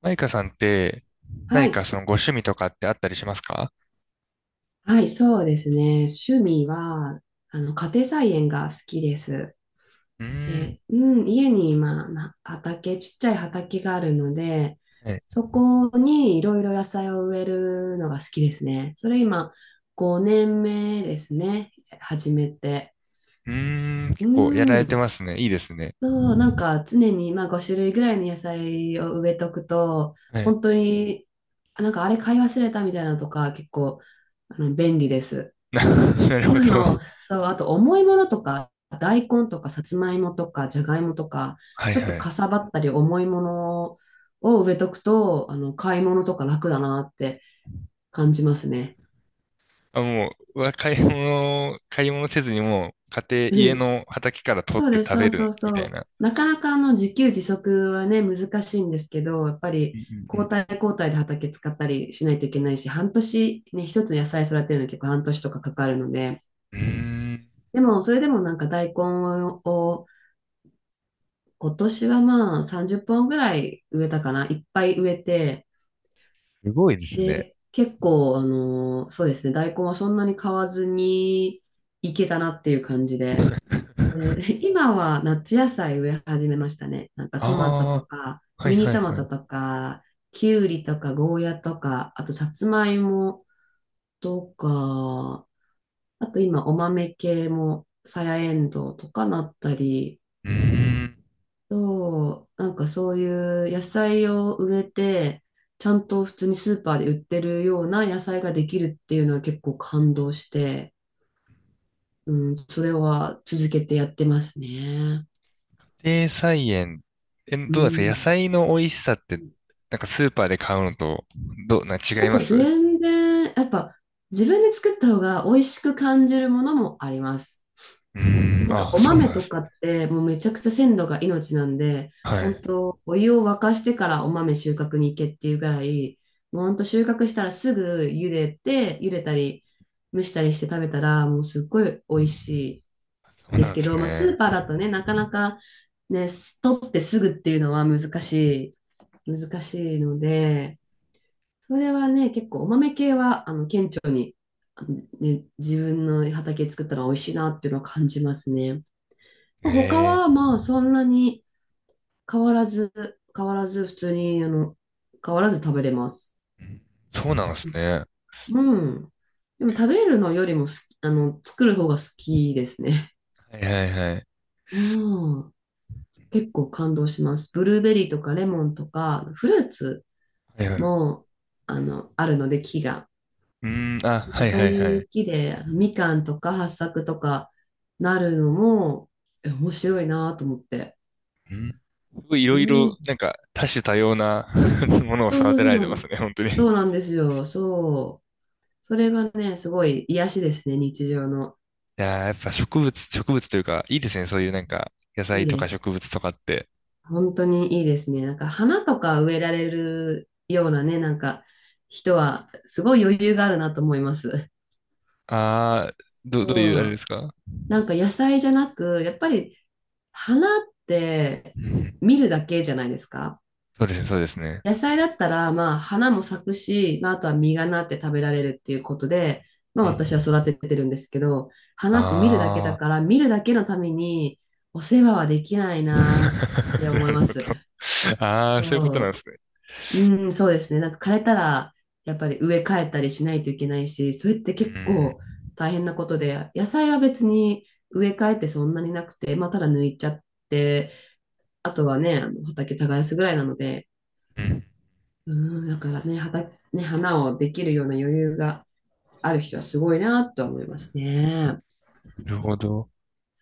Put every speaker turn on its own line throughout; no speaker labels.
マイカさんって、
は
何
い。
かそのご趣味とかってあったりしますか？
はい、そうですね。趣味は、家庭菜園が好きです。
うーん。
で、うん、家に、まあ、ちっちゃい畑があるので、
はい。
そこにいろいろ野菜を植えるのが好きですね。それ今、5年目ですね。始めて。
うーん。結構やら
う
れて
ん。
ますね。いいですね。
そう、なんか常に、まあ、5種類ぐらいの野菜を植えとくと、
はい。
本当に、なんかあれ買い忘れたみたいなのとか、結構、便利です。
な、なるほ
今
ど。
の、そう、あと重いものとか、大根とかさつまいもとかじゃがいもとか、
はい
ちょっと
は
か
い。
さばったり重いものを植えとくと、買い物とか楽だなって感じますね。
あ、もう、うわ買い物せずにもう、
う
家
ん
の畑から取っ
そう
て
です、
食
そ
べ
うそ
る
う
み
そ
たい
う。
な。
なかなか自給自足はね、難しいんですけど、やっぱ
う
り交
ん
代交代で畑使ったりしないといけないし、半年ね、一つ野菜育てるのに結構半年とかかかるので、
うんうん。うーん。
でもそれでもなんか大根を今年はまあ30本ぐらい植えたかな。いっぱい植えて、
すごいですね。
で、結構、そうですね、大根はそんなに買わずにいけたなっていう感じで、で 今は夏野菜植え始めましたね。なんか
あ
トマトと
あ、
か、
はい
ミニ
はい
トマ
はい。
ト
う
とか、キュウリとか、ゴーヤとか、あとさつまいもとか、あと今お豆系も、さやえんどうとかなったり、
ーん。
そう、なんかそういう野菜を植えて、ちゃんと普通にスーパーで売ってるような野菜ができるっていうのは結構感動して、うん、それは続けてやってますね。
家庭菜園、
う
どうなんですか？野
ん。
菜の美味しさって、なんかスーパーで買うのと、どう、な、違
な
い
ん
ま
か
す？う
全然、やっぱ自分で作った方が美味しく感じるものもあります。
ーん、
なんか
あ、
お
そう
豆
なんで
と
す
か
ね。
ってもうめちゃくちゃ鮮度が命なんで、
は
本
い。
当お湯を沸かしてからお豆収穫に行けっていうぐらい、もう本当収穫したらすぐ茹でて、茹でたり蒸したりして食べたらもうすっごい美味し
そう
いです
なんで
け
す
ど、まあ、ス
ね。
ーパーだとね、なかなかね、取ってすぐっていうのは難しいので、それはね、結構お豆系は、顕著、ね、自分の畑作ったら美味しいなっていうのは感じますね。他
え
は
え、
まあそんなに変わらず、変わらず普通に、変わらず食べれます。
そうなんですね。
うん。でも食べるのよりも好き、作る方が好きですね。
はいはいはい。
うん。結構感動します。ブルーベリーとかレモンとか、フルーツ
はいはい。う
も、あるので木が。
ーん、あ、
なん
は
か
い
そ
は
う
いは
い
い。
う木で、みかんとか八朔とかなるのも、面白いなと思って。
うん。すごいい
う
ろいろ、
ん。
なんか、多種多様な ものを
そう
育
そう
て
そ
ら
う
れて
なん
ま
で
す
す。
ね、本当に。い
そうなんですよ。そう。それがね、すごい癒しですね、日常の。
やー、やっぱ植物というか、いいですね、そういうなんか、野
い
菜
い
と
で
か
す。
植物とかって。
本当にいいですね。なんか花とか植えられるようなね、なんか人はすごい余裕があるなと思います。
どういう、あ
そ
れで
う。
すか？
なんか野菜じゃなく、やっぱり花って
うん。
見るだけじゃないですか。
そうですね、そうですね。
野菜だったら、まあ、花も咲くし、まあ、あとは実がなって食べられるっていうことで、まあ、
う
私は
ん。
育ててるんですけど、花って見るだけだ
ああ
から、見るだけのためにお世話はできない なって
な
思い
る
ま
ほど。
す。
ああ、そういうこと
そ
なん
う、
ですね。
うん、そうですね。なんか枯れたら、やっぱり植え替えたりしないといけないし、それって
う
結
ん。
構大変なことで、野菜は別に植え替えってそんなになくて、まあ、ただ抜いちゃって、あとはね、あの畑耕すぐらいなので、
うん。
うん、だからね、はた、ね、花をできるような余裕がある人はすごいなとは思いますね。
なるほど。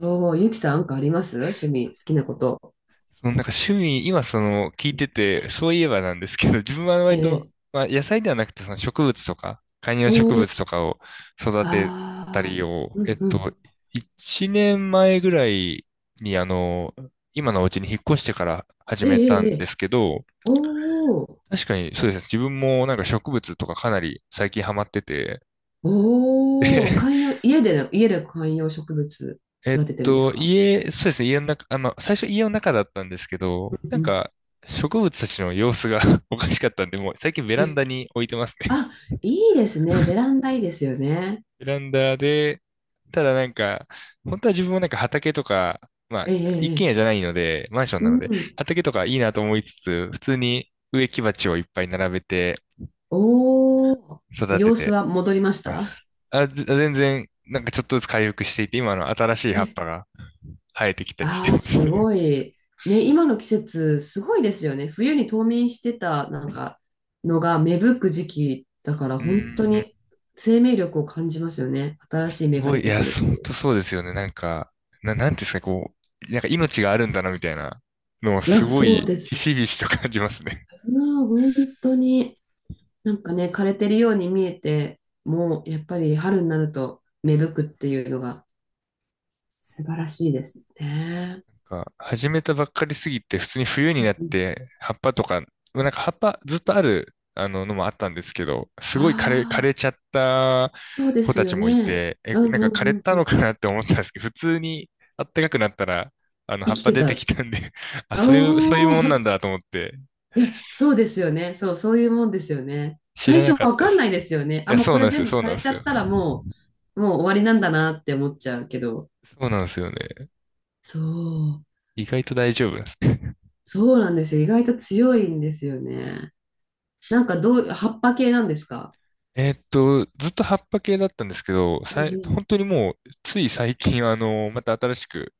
そう、ゆきさん、なんかあります趣味、好きなこと？
そのなんか趣味、今聞いてて、そういえばなんですけど、自分は
え
割と、
え。
まあ野菜ではなくてその植物とか、観葉
お
植
ー、
物とかを育てた
ああ、
りを、
うんうん。
1年前ぐらいに今のお家に引っ越してから始
ええ、
めたん
ええ、え
で
え
すけど、
おー、
確かにそうですね。自分もなんか植物とかかなり最近ハマってて、
おー、
で、
家で観葉植物育ててるんですか？
そうですね、家の中、あ、まあ、最初家の中だったんですけ
う
ど、なん
んうん。
か、植物たちの様子が おかしかったんで、もう最近ベラン
え、
ダに置いてますね。
あ、いいですね。ベランダいいですよね。
ベランダで、ただなんか、本当は自分もなんか畑とか、まあ、
ええ、え
一
え、
軒
え
家じゃ
え
ないので、マンション
う
なので、
ん。
畑とかいいなと思いつつ、普通に植木鉢をいっぱい並べて
おー、
育て
様子
て
は戻りまし
ま
た？
す。あ、全然、なんかちょっとずつ回復していて、今の新しい葉っぱが生えてきたりして
ああ、
ます
す
ね。
ごい。ね、今の季節、すごいですよね。冬に冬眠してた、なんか、のが芽吹く時期だから、
うー
本当
ん
に生命力を感じますよね。新しい
す
芽が
ご
出
い、い
て
や、
くるっ
本
てい
当
う。
そうですよね。なんか、なんていうんですか、こう、なんか命があるんだな、みたいなのは
い
す
や、
ご
そう
い、
で
ひ
すね。
しひしと感じますね。
まあ、本当に、なんかね、枯れてるように見えて、もう、やっぱり春になると芽吹くっていうのが素晴らしいですね。
始めたばっかりすぎて、普通に冬になって、葉っぱとか、なんか葉っぱずっとある、のもあったんですけど、すごい枯れ、枯
ああ
れちゃった
ー、そうで
子
す
たち
よ
もい
ね。
て、
うん
なんか
う
枯れ
んうん
た
うん。
のかなって思ったんですけど、普通にあったかくなったら、葉
生
っ
き
ぱ
て
出
た
て
っ
き
て。
たんで あ、そういう
お
もんなん
お。
だと思って、
いや、そうですよね。そう、そういうもんですよね。
知
最
ら
初
なかっ
わ
たで
かんな
す。
いですよね。
い
あ、
や、
もう
そ
こ
うな
れ
んです
全
よ、
部
そう
枯
なん
れ
で
ちゃ
す
っ
よ。
たらもう終わりなんだなって思っちゃうけど。
そうなんですよね。
そう。
意外と大丈夫なんですね。
そうなんですよ。意外と強いんですよね。なんか葉っぱ系なんですか？
ずっと葉っぱ系だったんですけど、
ええ。
本当にもう、つい最近、また新しく、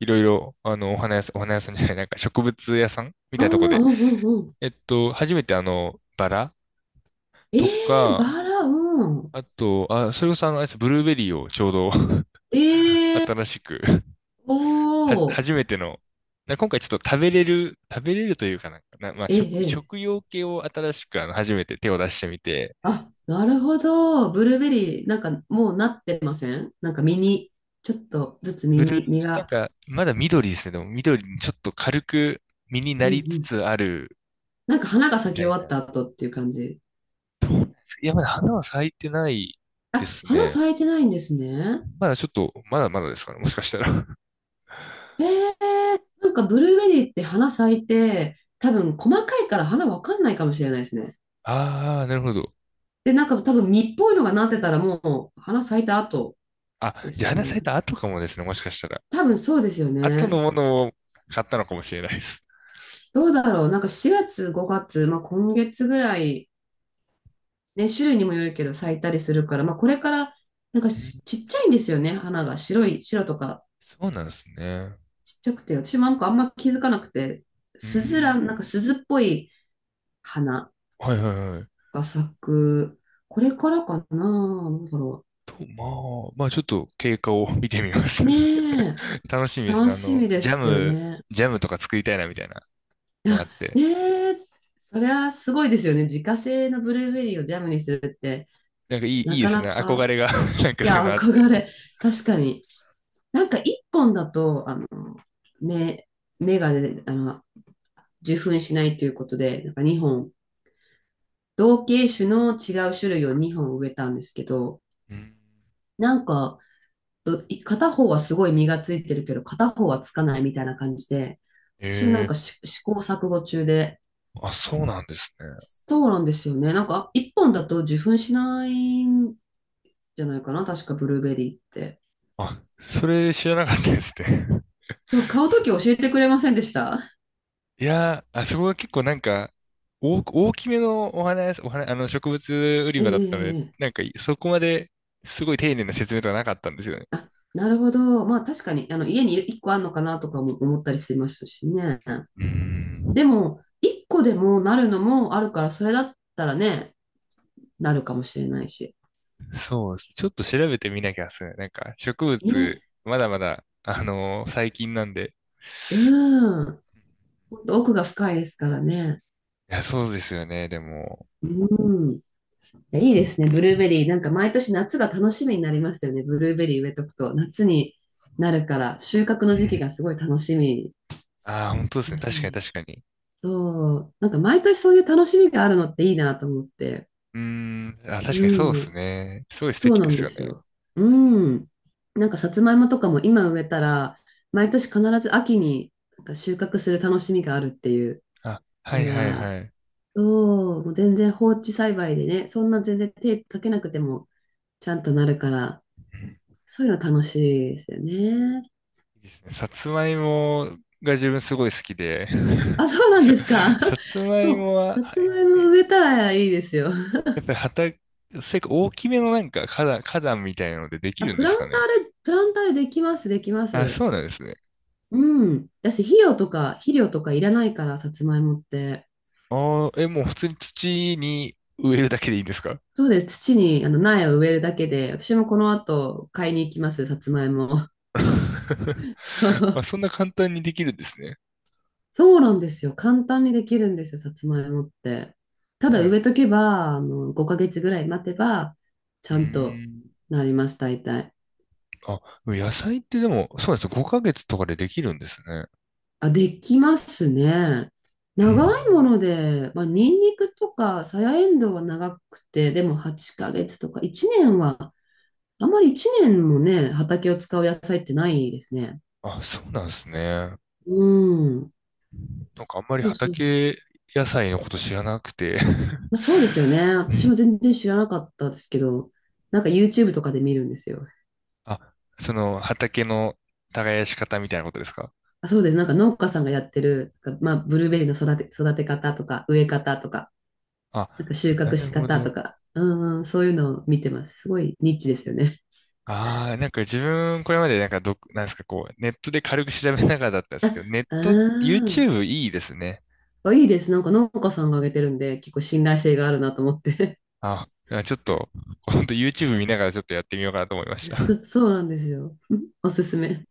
いろいろ、お花屋さん、お花屋さんじゃない、なんか植物屋さんみ
ああ、
たいなとこで。
うんうん。うん。
初めてバラ
え
と
え
か、
バラ、うん。
あと、あ、それこそあれですブルーベリーをちょうど
ええ
新しく
お
は、
お
初めての、な今回ちょっと食べれる、食べれるというかなんか、まあ、
え
食、
ええ
食
え
用系を新しく初めて手を出してみて、
あ、なるほど。ブルーベリー、なんかもうなってません？なんか実に、ちょっとずつ実
ブルー、
に、実
なん
が。
か、まだ緑ですね。でも緑にちょっと軽く実にな
うんう
りつ
ん
つある
なんか花が
み
咲き
た
終
い
わっ
な。
た後っていう感じ。
いや、まだ花は咲いてないで
あ、
す
花
ね。
咲いてないんですね。
まだちょっと、まだまだですかね、もしかしたら。
なんかブルーベリーって花咲いて、多分細かいから花わかんないかもしれないですね。
ああ、なるほど。
で、なんか多分実っぽいのがなってたらもう花咲いた後
あ、
で
じ
す
ゃあ
よ
花咲い
ね。
た後かもですね、もしかしたら。
多分そうですよ
後の
ね。
ものを買ったのかもしれないです。
どうだろう。なんか4月、5月、まあ、今月ぐらい、ね、種類にもよるけど咲いたりするから、まあ、これからなんか
うん、
ちっちゃいんですよね、花が。白とか
そうなんですね。
ちっちゃくて、私もなんかあんま気づかなくて、
う
スズラ
ん、
ン、なんか鈴っぽい花
はいはいはい。
が咲く、これからかな、どうだろ
と、ままあちょっと経過を見てみます。
う。ね え、
楽しみです
楽
ね。
しみで
ジャ
すよ
ム、
ね。
ジャムとか作りたいなみたいなのがあっ
あ、
て。
ねえ、それはすごいですよね。自家製のブルーベリーをジャムにするって、
なんかいい、
な
いいで
か
す
な
ね。憧
か、
れが なん
い
かそういう
や、
のあっ
憧
て。
れ、確かに。なんか一本だと、目、目がね、受粉しないということで、なんか2本同系種の違う種類を2本植えたんですけど、
うん、
なんか、片方はすごい実がついてるけど、片方はつかないみたいな感じで、私もなん
ええ、
か試行錯誤中で、
あ、そうなんですね。
そうなんですよね。なんか、1本だと受粉しないんじゃないかな、確かブルーベリーって。
あ、それ知らなかったですね。
そう、買うとき教えてくれませんでした？
いやー、あそこが結構なんか、大きめのお花屋さん、お花、あの植物売り
えええ
場だったので、
え
なん
ええ
かそこまですごい丁寧な説明とかなかったんですよね。
あ、なるほど。まあ確かに、家に1個あるのかなとかも思ったりしましたしね。
うーん。
でも、1個でもなるのもあるから、それだったらね、なるかもしれないし。
そうです。ちょっと調べてみなきゃっすね。なんか植物、
ね。
まだまだ、最近なんで。
うん。ほんと奥が深いですからね。
いや、そうですよね、でも。
うん。いいですね、ブルーベリー。なんか毎年夏が楽しみになりますよね。ブルーベリー植えとくと。夏になるから、収穫の
う
時期
ん。
がすごい楽しみ。
ああ、本当です
楽
ね。
し
確かに
み。
確かに。
そう。なんか毎年そういう楽しみがあるのっていいなと思って。
うーん。あ、確かにそうで
う
す
ん。
ね。すごい素
そう
敵
な
で
ん
す
で
よ
す
ね。
よ。うん。なんかさつまいもとかも今植えたら、毎年必ず秋になんか収穫する楽しみがあるっていう
あ、は
の
いはい
が、
はい。
そう、もう全然放置栽培でね、そんな全然手かけなくてもちゃんとなるから、
うん。
そういうの楽しいですよね。
いいですね。さつまいもが自分すごい好きで、
あ、そうなんですか。
さつま
で
い
もう、
もは、
さ
は
つ
い。
まいも植えたらいいですよ。
やっぱり畑、せっか大きめのなんか花壇みたいなのでで き
あ、
るん
プ
で
ラ
す
ン
か
タ
ね。
ーで、プランターでできます、できま
あ、
す。
そうなんですね。
うん。だし、肥料とかいらないから、さつまいもって。
ああ、もう普通に土に植えるだけでいいんですか？
そうです。土にあの苗を植えるだけで、私もこの後買いに行きます、さつまいも。
まあ、そんな簡単にできるんですね。
そうなんですよ。簡単にできるんですよ、さつまいもって。た
じゃ
だ
あ、
植えとけば、5ヶ月ぐらい待てば、ち
う
ゃん
ー
と
ん。
なります、大体。
あ、野菜ってでも、そうなんです。5ヶ月とかでできるんですね。
あ、できますね。
う
長
ん。
いもので、まあ、ニンニクとか、さやえんどうは長くて、でも8ヶ月とか、1年は、あまり1年もね、畑を使う野菜ってないですね。
あ、そうなんですね。
うん。
なんかあんまり
そうそう。
畑野菜のこと知らなくて
まあ、そうですよね。
う
私
ん。
も全然知らなかったですけど、なんか YouTube とかで見るんですよ。
あ、その畑の耕し方みたいなことですか？
あそうです。なんか農家さんがやってる、なんかまあ、ブルーベリーの育て方とか、植え方とか、
あ、
なんか収
な
穫
る
し
ほ
方と
ど。
か、うん、そういうのを見てます。すごいニッチですよね。
ああ、なんか自分これまでなんかなんですか、こう、ネットで軽く調べながらだったんですけど、ネッ ト、
あ
YouTube いいですね。
あ、いいです。なんか農家さんがあげてるんで、結構信頼性があるなと思って。
あ、ちょっと、ほんと YouTube 見ながらちょっとやってみようかなと思いまし た。
そうなんですよ。おすすめ。